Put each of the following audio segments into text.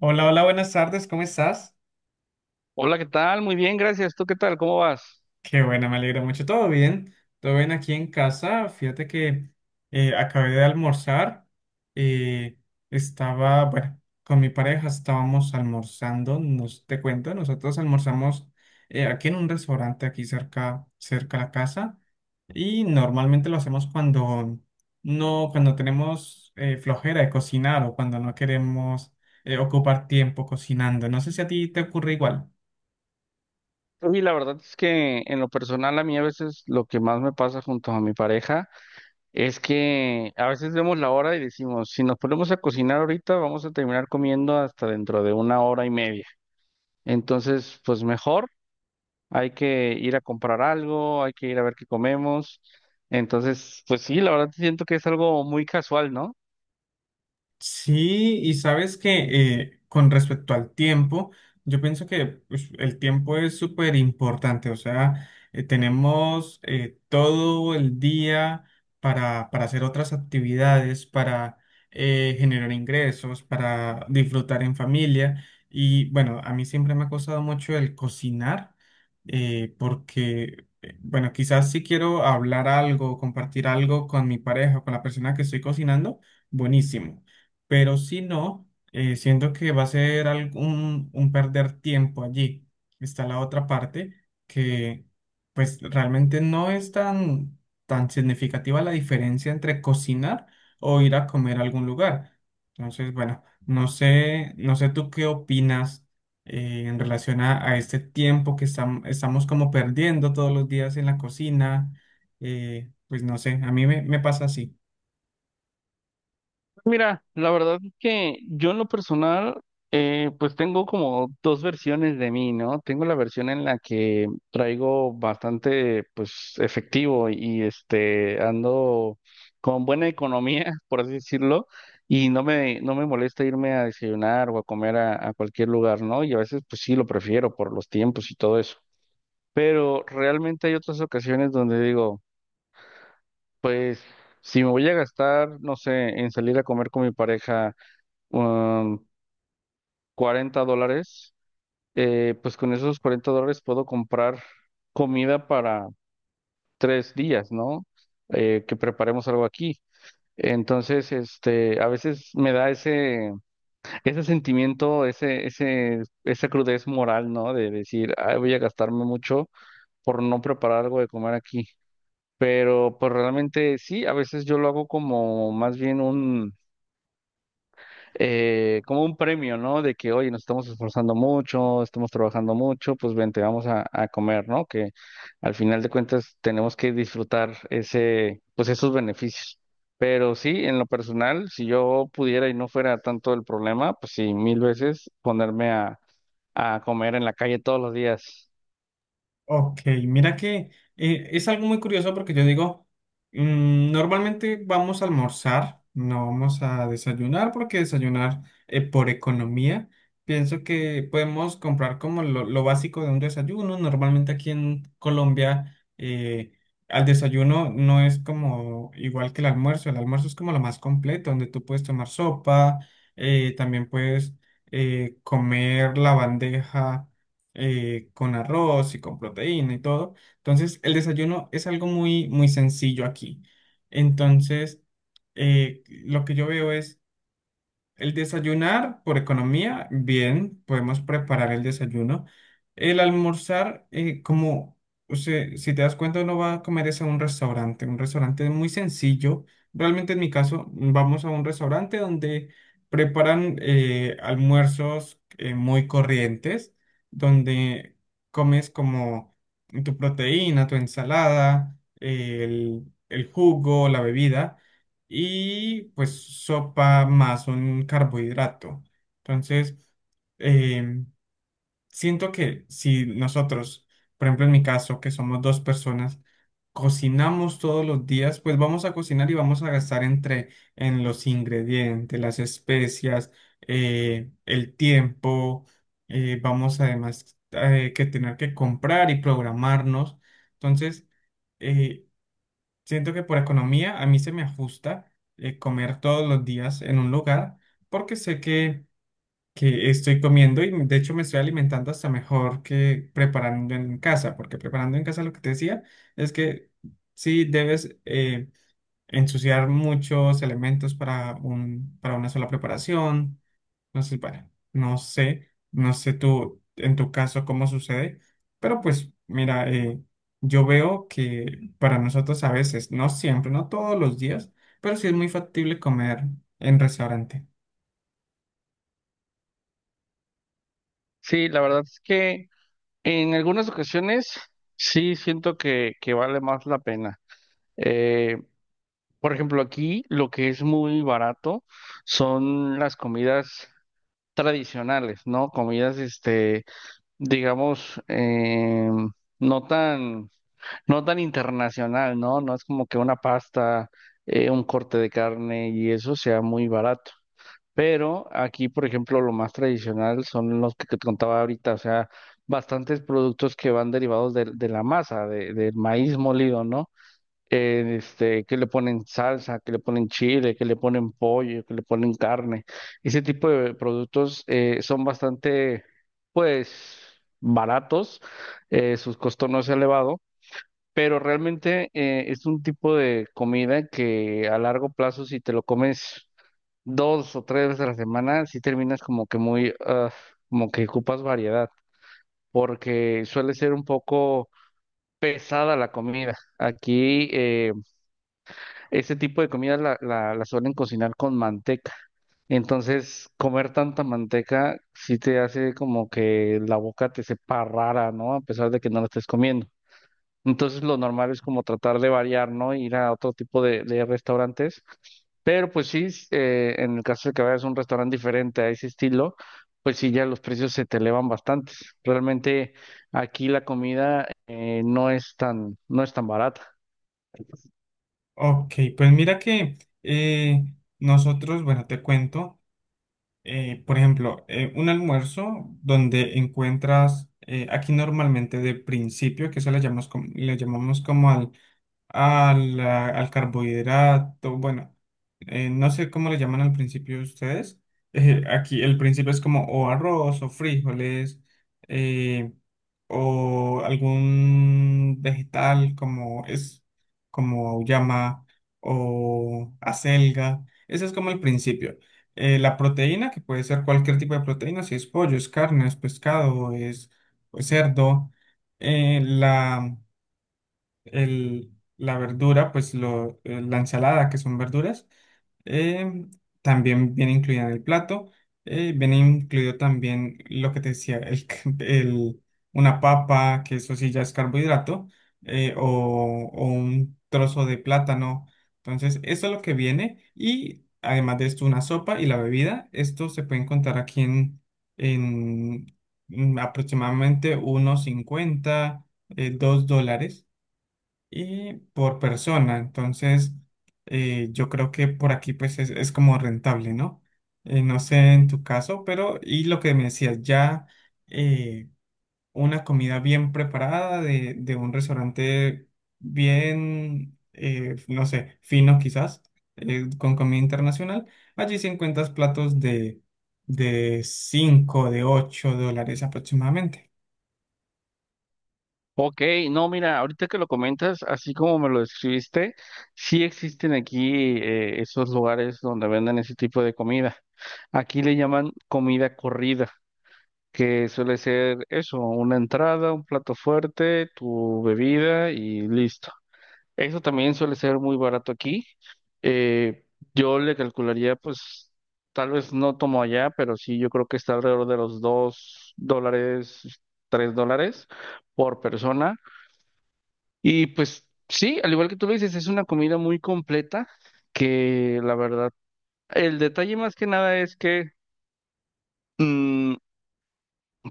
Hola, hola, buenas tardes, ¿cómo estás? Hola, ¿qué tal? Muy bien, gracias. ¿Tú qué tal? ¿Cómo vas? Qué bueno, me alegro mucho. ¿Todo bien? ¿Todo bien aquí en casa? Fíjate que acabé de almorzar. eh, Estaba, bueno, con mi pareja estábamos almorzando. Te cuento, nosotros almorzamos aquí en un restaurante aquí cerca, cerca a la casa. Y normalmente lo hacemos cuando no, cuando tenemos flojera de cocinar o cuando no queremos ocupar tiempo cocinando. No sé si a ti te ocurre igual. Y la verdad es que en lo personal a mí a veces lo que más me pasa junto a mi pareja es que a veces vemos la hora y decimos, si nos ponemos a cocinar ahorita vamos a terminar comiendo hasta dentro de una hora y media. Entonces, pues mejor hay que ir a comprar algo, hay que ir a ver qué comemos. Entonces, pues sí, la verdad siento que es algo muy casual, ¿no? Sí, y sabes que con respecto al tiempo, yo pienso que pues, el tiempo es súper importante, o sea, tenemos todo el día para hacer otras actividades, para generar ingresos, para disfrutar en familia. Y bueno, a mí siempre me ha costado mucho el cocinar, porque, bueno, quizás si quiero hablar algo, compartir algo con mi pareja, con la persona que estoy cocinando, buenísimo. Pero si no, siento que va a ser un perder tiempo allí. Está la otra parte que pues realmente no es tan, tan significativa la diferencia entre cocinar o ir a comer a algún lugar. Entonces, bueno, no sé, no sé tú qué opinas en relación a este tiempo que estamos como perdiendo todos los días en la cocina. Pues no sé, a mí me pasa así. Mira, la verdad es que yo en lo personal, pues tengo como dos versiones de mí, ¿no? Tengo la versión en la que traigo bastante, pues, efectivo y este, ando con buena economía, por así decirlo, y no me molesta irme a desayunar o a comer a cualquier lugar, ¿no? Y a veces, pues sí, lo prefiero por los tiempos y todo eso. Pero realmente hay otras ocasiones donde digo, pues, si me voy a gastar, no sé, en salir a comer con mi pareja um, $40, pues con esos $40 puedo comprar comida para 3 días, ¿no? Que preparemos algo aquí. Entonces, este, a veces me da ese, ese sentimiento, esa crudez moral, ¿no? De decir: "Ay, voy a gastarme mucho por no preparar algo de comer aquí". Pero, pues realmente sí, a veces yo lo hago como más bien como un premio, ¿no? De que, oye, nos estamos esforzando mucho, estamos trabajando mucho, pues vente, vamos a comer, ¿no? Que al final de cuentas tenemos que disfrutar ese, pues esos beneficios. Pero sí, en lo personal, si yo pudiera y no fuera tanto el problema, pues sí, mil veces ponerme a comer en la calle todos los días. Ok, mira que es algo muy curioso porque yo digo, normalmente vamos a almorzar, no vamos a desayunar porque desayunar por economía, pienso que podemos comprar como lo básico de un desayuno. Normalmente aquí en Colombia al desayuno no es como igual que el almuerzo es como lo más completo, donde tú puedes tomar sopa, también puedes comer la bandeja con arroz y con proteína y todo. Entonces, el desayuno es algo muy, muy sencillo aquí. Entonces, lo que yo veo es el desayunar, por economía, bien, podemos preparar el desayuno. El almorzar, como o sea, si te das cuenta, uno va a comer es a un restaurante. Un restaurante es muy sencillo. Realmente en mi caso, vamos a un restaurante donde preparan almuerzos muy corrientes, donde comes como tu proteína, tu ensalada, el jugo, la bebida y pues sopa más un carbohidrato. Entonces, eh, siento que si nosotros, por ejemplo en mi caso, que somos dos personas, cocinamos todos los días, pues vamos a cocinar y vamos a gastar entre en los ingredientes, las especias, el tiempo, vamos además que tener que comprar y programarnos. Entonces, eh, siento que por economía a mí se me ajusta comer todos los días en un lugar porque sé que estoy comiendo y de hecho me estoy alimentando hasta mejor que preparando en casa, porque preparando en casa lo que te decía es que sí debes ensuciar muchos elementos para para una sola preparación. Entonces, bueno, no sé, no sé tú, en tu caso, cómo sucede, pero pues mira, yo veo que para nosotros a veces, no siempre, no todos los días, pero sí es muy factible comer en restaurante. Sí, la verdad es que en algunas ocasiones sí siento que vale más la pena. Eh, Por ejemplo, aquí lo que es muy barato son las comidas tradicionales, ¿no? Comidas, este, digamos, no tan, no tan internacional, ¿no? No es como que una pasta, un corte de carne y eso sea muy barato. Pero aquí, por ejemplo, lo más tradicional son los que te contaba ahorita, o sea, bastantes productos que van derivados de la masa, del maíz molido, ¿no? Este, que le ponen salsa, que le ponen chile, que le ponen pollo, que le ponen carne. Ese tipo de productos son bastante, pues, baratos, sus costos no es elevado, pero realmente es un tipo de comida que a largo plazo, si te lo comes dos o tres veces a la semana, si terminas como que muy, ah, como que ocupas variedad, porque suele ser un poco pesada la comida. Aquí, ese tipo de comida la suelen cocinar con manteca. Entonces, comer tanta manteca sí te hace como que la boca te sepa rara, ¿no? A pesar de que no la estés comiendo. Entonces, lo normal es como tratar de variar, ¿no? Ir a otro tipo de restaurantes. Pero pues sí, en el caso de que vayas a un restaurante diferente a ese estilo, pues sí, ya los precios se te elevan bastante. Realmente aquí la comida no es tan barata. Ok, pues mira que eh, nosotros, bueno, te cuento. Por ejemplo, un almuerzo donde encuentras, aquí normalmente de principio, que eso le llamamos como al carbohidrato, bueno, no sé cómo le llaman al principio ustedes. Aquí el principio es como o arroz o frijoles eh, o algún vegetal como es como llama o acelga. Ese es como el principio la proteína, que puede ser cualquier tipo de proteína, si es pollo, es carne, es pescado, es pues, cerdo. Eh, la, el- la verdura, pues la ensalada, que son verduras. Eh, También viene incluida en el plato. Viene incluido también lo que te decía, una papa, que eso sí ya es carbohidrato, o un trozo de plátano. Entonces, eso es lo que viene. Y además de esto, una sopa y la bebida. Esto se puede encontrar aquí en aproximadamente unos 50, $2 y por persona. Entonces, yo creo que por aquí pues es como rentable, ¿no? No sé en tu caso, pero y lo que me decías, ya eh, una comida bien preparada de un restaurante bien, no sé, fino quizás, con comida internacional, allí sí encuentras platos de 5 de $8 aproximadamente. Ok, no, mira, ahorita que lo comentas, así como me lo describiste, sí existen aquí esos lugares donde venden ese tipo de comida. Aquí le llaman comida corrida, que suele ser eso, una entrada, un plato fuerte, tu bebida y listo. Eso también suele ser muy barato aquí. Eh, yo le calcularía, pues, tal vez no tomo allá, pero sí, yo creo que está alrededor de los $2, $3 por persona y pues sí, al igual que tú lo dices, es una comida muy completa que la verdad, el detalle más que nada es que mm,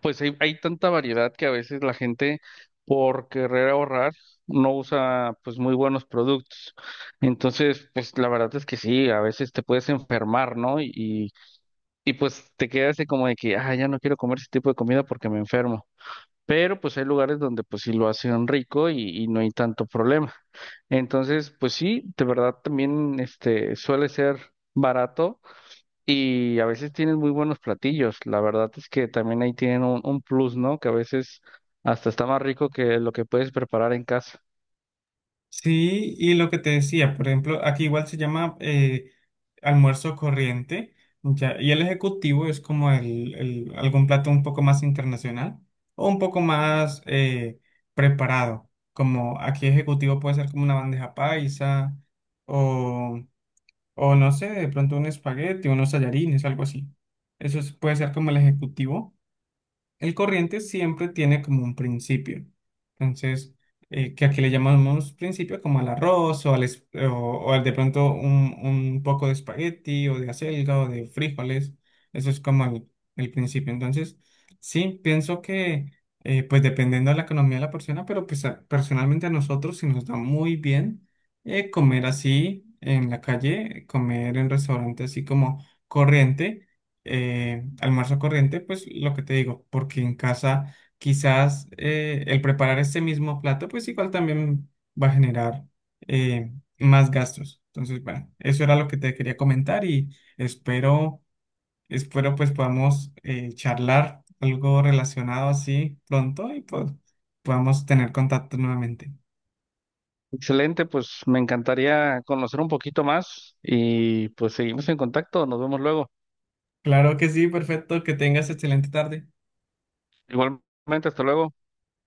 pues hay tanta variedad que a veces la gente por querer ahorrar no usa pues muy buenos productos. Entonces, pues la verdad es que sí, a veces te puedes enfermar, ¿no? Y pues te quedas así como de que, ah, ya no quiero comer ese tipo de comida porque me enfermo. Pero pues hay lugares donde pues sí lo hacen rico y no hay tanto problema. Entonces, pues sí, de verdad también este suele ser barato y a veces tienen muy buenos platillos. La verdad es que también ahí tienen un plus, ¿no? Que a veces hasta está más rico que lo que puedes preparar en casa. Sí, y lo que te decía, por ejemplo, aquí igual se llama almuerzo corriente, ya, y el ejecutivo es como algún plato un poco más internacional o un poco más preparado, como aquí ejecutivo puede ser como una bandeja paisa o, o no sé, de pronto un espagueti, unos tallarines, algo así. Eso puede ser como el ejecutivo. El corriente siempre tiene como un principio. Entonces, que aquí le llamamos principio como al arroz o al de pronto un poco de espagueti o de acelga o de frijoles. Eso es como el principio. Entonces, sí, pienso que pues dependiendo de la economía de la persona, pero pues personalmente a nosotros sí nos da muy bien comer así en la calle, comer en restaurantes así como corriente almuerzo corriente, pues lo que te digo, porque en casa quizás el preparar este mismo plato, pues igual también va a generar eh, más gastos. Entonces, bueno, eso era lo que te quería comentar y espero pues podamos charlar algo relacionado así pronto y pues podamos tener contacto nuevamente. Excelente, pues me encantaría conocer un poquito más y pues seguimos en contacto. Nos vemos luego. Claro que sí, perfecto, que tengas excelente tarde. Igualmente, hasta luego.